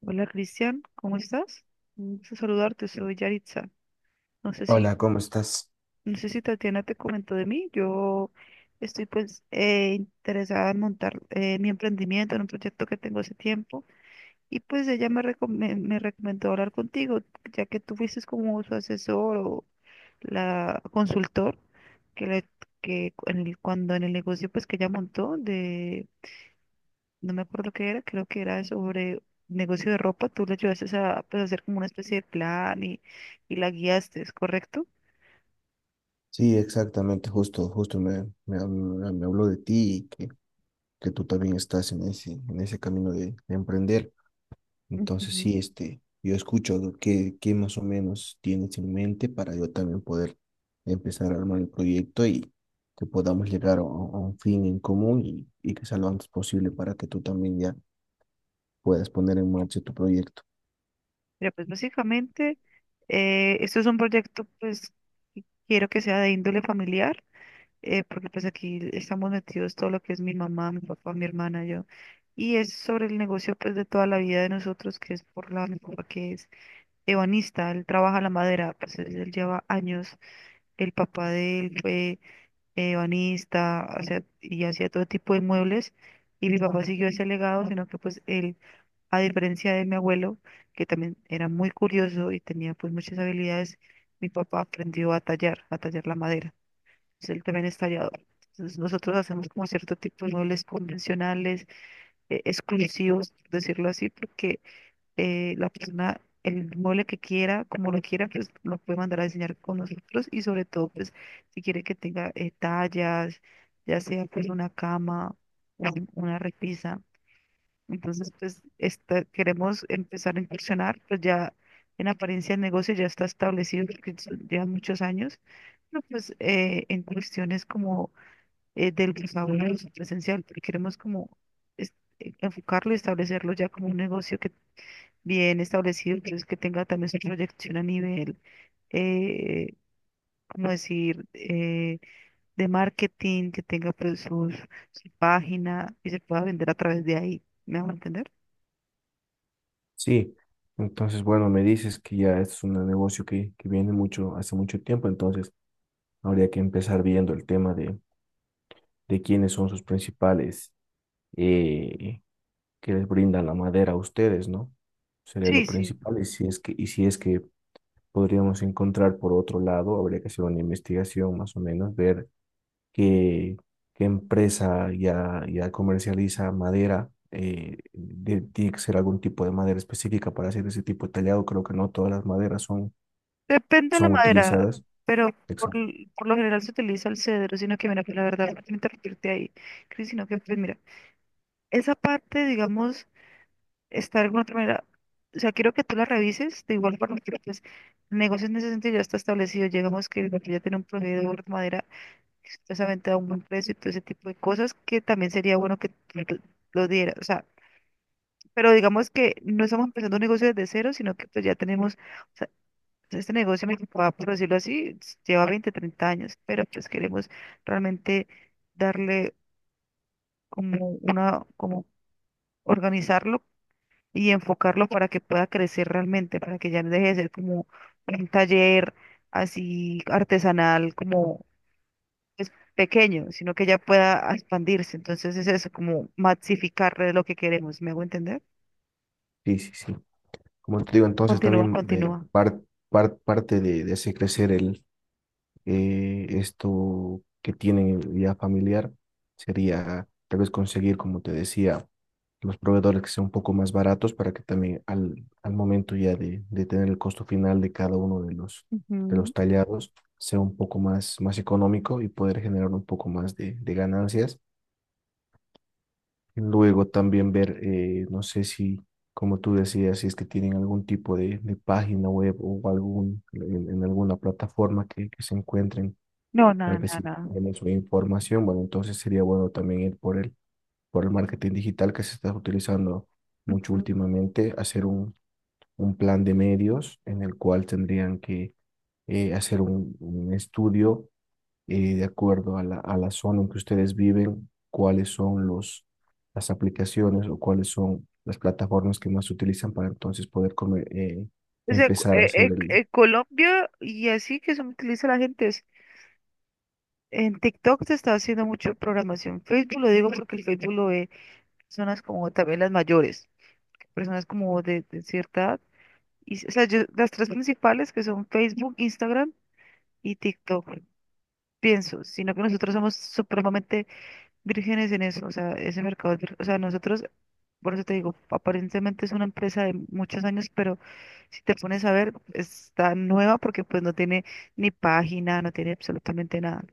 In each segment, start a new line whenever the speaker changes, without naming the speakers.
Hola Cristian, ¿cómo estás? Un gusto saludarte, soy Yaritza. No sé si,
Hola, ¿cómo estás?
no sé si Tatiana te comentó de mí. Yo estoy pues interesada en montar mi emprendimiento en un proyecto que tengo hace tiempo y pues ella me recomendó hablar contigo, ya que tú fuiste como su asesor o la consultor que, le, que cu- en el- cuando en el negocio pues que ella montó de no me acuerdo qué era, creo que era sobre negocio de ropa, tú le ayudaste a pues, hacer como una especie de plan y la guiaste, ¿es correcto?
Sí, exactamente, justo, justo me habló de ti y que tú también estás en ese camino de emprender. Entonces,
Ujú.
sí, yo escucho lo que, qué más o menos tienes en mente para yo también poder empezar a armar el proyecto y que podamos llegar a un fin en común y que sea lo antes posible para que tú también ya puedas poner en marcha tu proyecto.
Mira, pues básicamente, esto es un proyecto, pues, que quiero que sea de índole familiar, porque pues aquí estamos metidos todo lo que es mi mamá, mi papá, mi hermana, yo. Y es sobre el negocio, pues, de toda la vida de nosotros, que es por la, mi papá que es ebanista, él trabaja la madera, pues, él lleva años, el papá de él fue banista, y hacía todo tipo de muebles. Y mi papá siguió ese legado, sino que pues él, a diferencia de mi abuelo, que también era muy curioso y tenía pues muchas habilidades, mi papá aprendió a tallar la madera. Entonces, él también es tallador. Entonces nosotros hacemos como cierto tipo de muebles convencionales, exclusivos, por decirlo así, porque la persona, el mueble que quiera, como lo quiera, pues lo puede mandar a diseñar con nosotros y sobre todo, pues si quiere que tenga tallas, ya sea pues una cama, una repisa. Entonces, pues queremos empezar a incursionar, pues ya en apariencia el negocio ya está establecido porque llevan muchos años, pero pues en cuestiones como del sabor presencial, porque queremos como es- enfocarlo y establecerlo ya como un negocio que bien establecido, entonces que tenga también su proyección a nivel, eh, como decir, eh, de marketing, que tenga pues sus, su página y se pueda vender a través de ahí. ¿Me van a entender?
Sí, entonces, bueno, me dices que ya es un negocio que viene mucho, hace mucho tiempo, entonces habría que empezar viendo el tema de quiénes son sus principales eh, que les brindan la madera a ustedes, ¿no? Sería lo
Sí, sí.
principal y y si es que podríamos encontrar por otro lado. Habría que hacer una investigación más o menos, ver qué, qué empresa ya, ya comercializa madera. Tiene que ser algún tipo de madera específica para hacer ese tipo de tallado. Creo que no todas las maderas son,
Depende de la
son
madera,
utilizadas.
pero
Exacto.
por lo general se utiliza el cedro, sino que mira, pues la verdad, no quiero interrumpirte ahí, Cris, sino que pues mira, esa parte, digamos, está de alguna otra manera. O sea, quiero que tú la revises, de igual forma que pues, el negocio en ese sentido ya está establecido. Llegamos que el barrio ya tiene un proveedor de madera que supuestamente da un buen precio y todo ese tipo de cosas que también sería bueno que tú lo dieras. O sea, pero digamos que no estamos empezando un negocio desde cero, sino que pues ya tenemos, o sea, este negocio, me preocupa, por decirlo así, lleva 20 30 años, pero pues queremos realmente darle como organizarlo y enfocarlo para que pueda crecer realmente, para que ya no deje de ser como un taller así artesanal, como pues, pequeño, sino que ya pueda expandirse. Entonces es eso, como maxificar lo que queremos. ¿Me hago entender?
Sí, sí, sí. Como te digo, entonces
Continúa,
también
continúa.
parte de ese crecer esto que tienen en vida familiar, sería tal vez conseguir, como te decía, los proveedores que sean un poco más baratos para que también al, al momento ya de tener el costo final de cada uno de los
Ujú.
tallados sea un poco más, más económico y poder generar un poco más de ganancias. Luego también ver, no sé si, como tú decías, si es que tienen algún tipo de página web o en alguna plataforma que se encuentren,
No,
tal
nada,
vez
nada,
si
nada.
tienen su información. Bueno, entonces sería bueno también ir por el marketing digital que se está utilizando mucho
Ujú.
últimamente, hacer un plan de medios en el cual tendrían que hacer un estudio de acuerdo a la zona en que ustedes viven, cuáles son los, las aplicaciones o cuáles son las plataformas que más se utilizan para entonces poder comer
O sea,
empezar a hacer el...
Colombia y así que se utiliza la gente en TikTok se está haciendo mucho programación. Facebook lo digo porque el Facebook lo ve personas como también las mayores. Personas como de cierta edad. Y, o sea, las tres principales que son Facebook, Instagram y TikTok, pienso, sino que nosotros somos supremamente vírgenes en eso, o sea, ese mercado, o sea, nosotros, por eso te digo, aparentemente es una empresa de muchos años, pero si te pones a ver, está nueva porque pues no tiene ni página, no tiene absolutamente nada.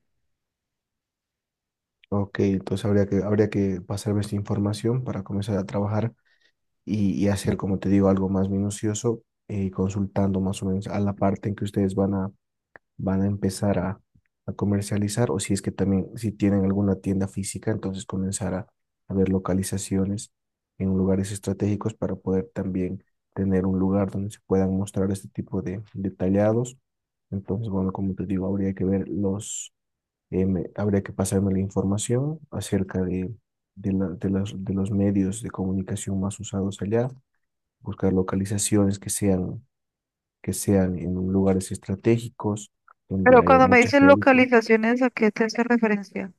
Ok, entonces habría que pasarme esta información para comenzar a trabajar y hacer, como te digo, algo más minucioso, consultando más o menos a la parte en que ustedes van a empezar a comercializar. O si es que también, si tienen alguna tienda física, entonces comenzar a ver localizaciones en lugares estratégicos para poder también tener un lugar donde se puedan mostrar este tipo de detallados. Entonces, bueno, como te digo, habría que ver habría que pasarme la información acerca de, de los medios de comunicación más usados allá, buscar localizaciones que sean en lugares estratégicos, donde
Pero
haya
cuando me
mucha
dicen
gente,
localizaciones, ¿a qué te hace referencia?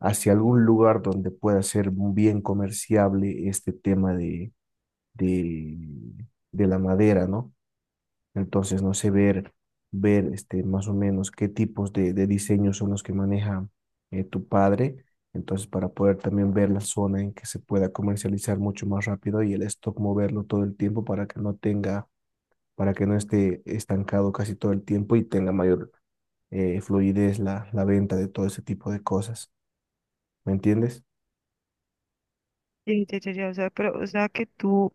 hacia algún lugar donde pueda ser bien comerciable este tema de, de la madera, ¿no? Entonces, no sé, ver este, más o menos qué tipos de diseños son los que maneja tu padre. Entonces, para poder también ver la zona en que se pueda comercializar mucho más rápido y el stock moverlo todo el tiempo para que no tenga, para que no esté estancado casi todo el tiempo y tenga mayor fluidez la, la venta de todo ese tipo de cosas. ¿Me entiendes?
Sí, ya, ya, ya, o sea, pero, o sea, que tú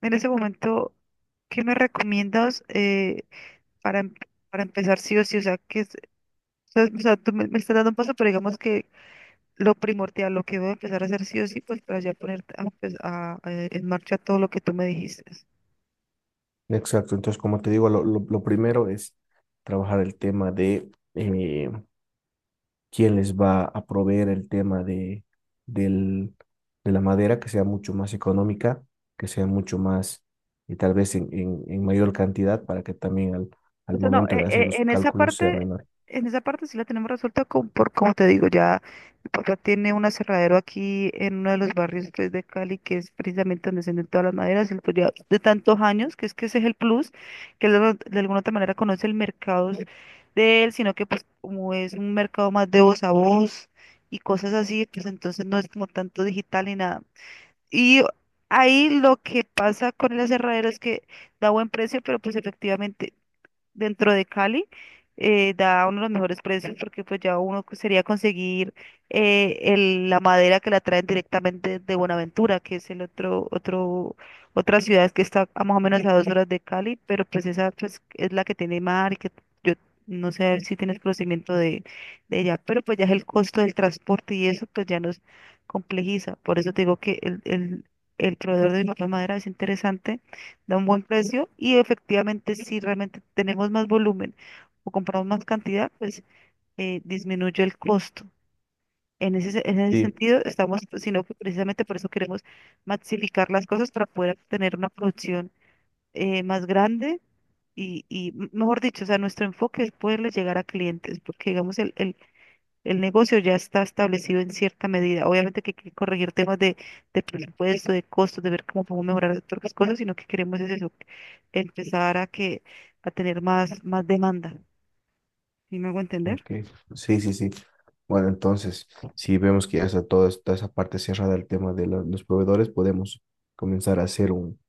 en ese momento, ¿qué me recomiendas para, em- para empezar sí o sí? O sea, que es, o sea, Tú me, me estás dando un paso, pero digamos que lo primordial, lo que voy a empezar a hacer sí o sí, pues para ya poner a, empe- a- en marcha todo lo que tú me dijiste.
Exacto. Entonces, como te digo, lo primero es trabajar el tema de eh, quién les va a proveer el tema del, de la madera, que sea mucho más económica, que sea mucho más, y tal vez en mayor cantidad, para que también al,
O
al
sea, no,
momento de hacer los cálculos sea menor.
en esa parte sí la tenemos resuelta con, por, como te digo, ya mi papá tiene un aserradero aquí en uno de los barrios pues, de Cali, que es precisamente donde se venden todas las maderas, él, pues, ya de tantos años, que es que ese es el plus, que él de alguna otra manera conoce el mercado de él, sino que pues como es un mercado más de voz a voz y cosas así, pues entonces no es como tanto digital ni nada. Y ahí lo que pasa con el aserradero es que da buen precio, pero pues efectivamente dentro de Cali, da uno de los mejores precios porque pues ya uno que sería conseguir la madera que la traen directamente de Buenaventura, que es otra ciudad que está a más o menos a 2 horas de Cali, pero pues esa pues, es la que tiene mar y que yo no sé si tienes conocimiento de ella, pero pues ya es el costo del transporte y eso pues ya nos complejiza. Por eso te digo que el proveedor de la madera es interesante da un buen precio y efectivamente si realmente tenemos más volumen o compramos más cantidad, pues disminuye el costo. En ese
Sí.
sentido, estamos, sino que precisamente por eso queremos maxificar las cosas para poder tener una producción más grande mejor dicho, o sea, nuestro enfoque es poderle llegar a clientes, porque digamos, el negocio ya está establecido en cierta medida. Obviamente que hay que corregir temas de presupuesto, de costos, de ver cómo podemos mejorar otras cosas, sino que queremos es eso, empezar a que a tener más, más demanda. ¿Sí me hago entender?
Ok, sí, sí, sí. Bueno, entonces, si vemos que ya está toda esa parte cerrada el tema de los proveedores, podemos comenzar a hacer un,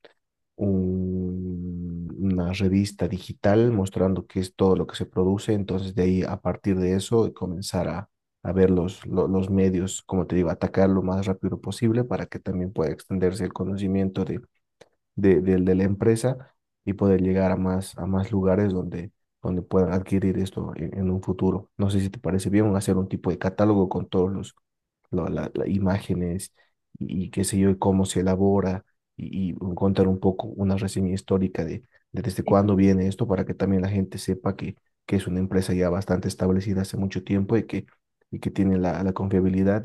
un- una revista digital mostrando qué es todo lo que se produce. Entonces, de ahí, a partir de eso, comenzar a ver los medios, como te digo, atacar lo más rápido posible para que también pueda extenderse el conocimiento de la empresa y poder llegar a más lugares donde, donde puedan adquirir esto en un futuro. No sé si te parece bien hacer un tipo de catálogo con todos las imágenes y qué sé yo, y cómo se elabora y contar un poco una reseña histórica de desde cuándo
Ex-
viene esto para que también la gente sepa que es una empresa ya bastante establecida hace mucho tiempo y que tiene la, la confiabilidad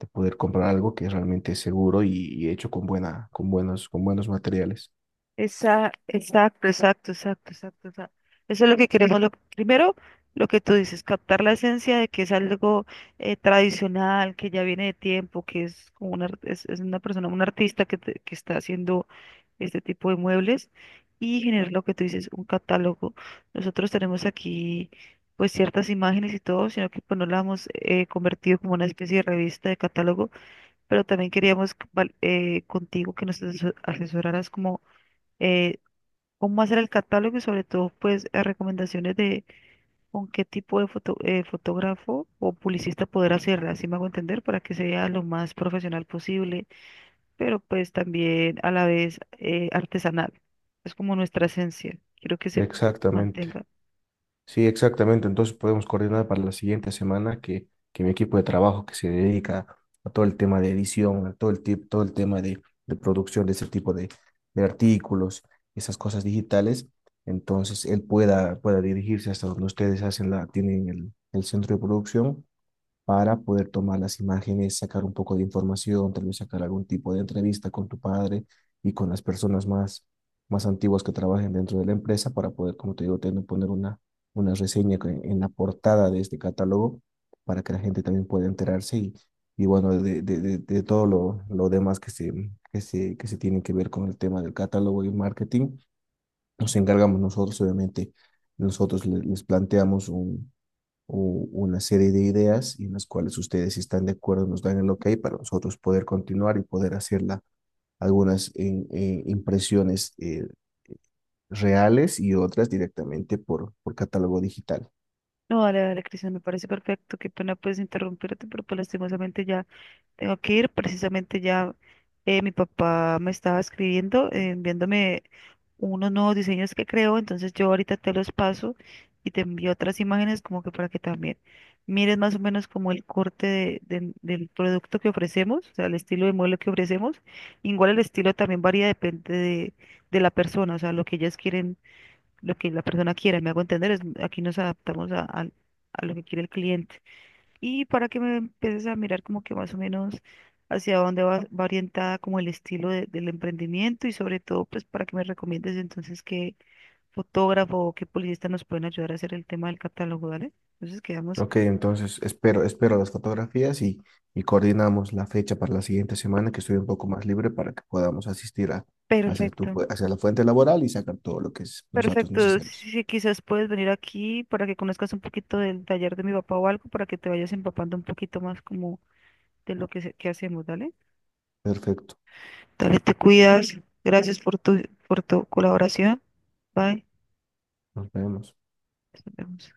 de poder comprar algo que es realmente seguro y hecho con buena, con buenos materiales.
Exacto, exacto, exacto, exacto. O sea, eso es lo que queremos. Lo, primero, lo que tú dices, captar la esencia de que es algo tradicional, que ya viene de tiempo, que es como es una persona, un artista que está haciendo este tipo de muebles y generar lo que tú dices, un catálogo. Nosotros tenemos aquí pues ciertas imágenes y todo, sino que pues no la hemos convertido como una especie de revista de catálogo, pero también queríamos contigo que nos asesoraras como eh, cómo hacer el catálogo y sobre todo pues recomendaciones de con qué tipo de fotógrafo o publicista poder hacerla, así me hago entender, para que sea lo más profesional posible pero pues también a la vez artesanal. Es como nuestra esencia. Quiero que se
Exactamente.
mantenga.
Sí, exactamente. Entonces podemos coordinar para la siguiente semana que mi equipo de trabajo que se dedica a todo el tema de edición, a todo todo el tema de producción de ese tipo de artículos, esas cosas digitales, entonces él pueda dirigirse hasta donde ustedes hacen la, tienen el centro de producción para poder tomar las imágenes, sacar un poco de información, tal vez sacar algún tipo de entrevista con tu padre y con las personas más, más antiguas que trabajen dentro de la empresa para poder, como te digo, poner una reseña en la portada de este catálogo para que la gente también pueda enterarse y bueno, de todo lo demás que se tiene que ver con el tema del catálogo y marketing. Nos encargamos nosotros, obviamente, nosotros les planteamos una serie de ideas y en las cuales ustedes, si están de acuerdo, nos dan el ok para nosotros poder continuar y poder hacer algunas impresiones reales y otras directamente por catálogo digital.
No, dale, dale, Cristian, me parece perfecto. Qué pena pues interrumpirte, pero pues lastimosamente ya tengo que ir, precisamente ya mi papá me estaba escribiendo, enviándome unos nuevos diseños que creo, entonces yo ahorita te los paso y te envío otras imágenes como que para que también mires más o menos como el corte del producto que ofrecemos, o sea, el estilo de modelo que ofrecemos. Igual el estilo también varía, depende de la persona, o sea, lo que ellas quieren, lo que la persona quiera, me hago entender, es, aquí nos adaptamos al a lo que quiere el cliente y para que me empieces a mirar como que más o menos hacia dónde va orientada como el estilo del emprendimiento y sobre todo pues para que me recomiendes entonces qué fotógrafo o qué publicista nos pueden ayudar a hacer el tema del catálogo, ¿vale? Entonces quedamos
Ok, entonces espero, espero las fotografías y coordinamos la fecha para la siguiente semana que estoy un poco más libre para que podamos asistir a hacer
perfecto.
hacia la fuente laboral y sacar todo lo que es los datos
Perfecto,
necesarios.
sí, sí, quizás puedes venir aquí para que conozcas un poquito del taller de mi papá o algo, para que te vayas empapando un poquito más como de lo que, que hacemos, ¿dale?
Perfecto,
Dale, te cuidas. Gracias por tu colaboración. Bye.
nos vemos.
Nos vemos.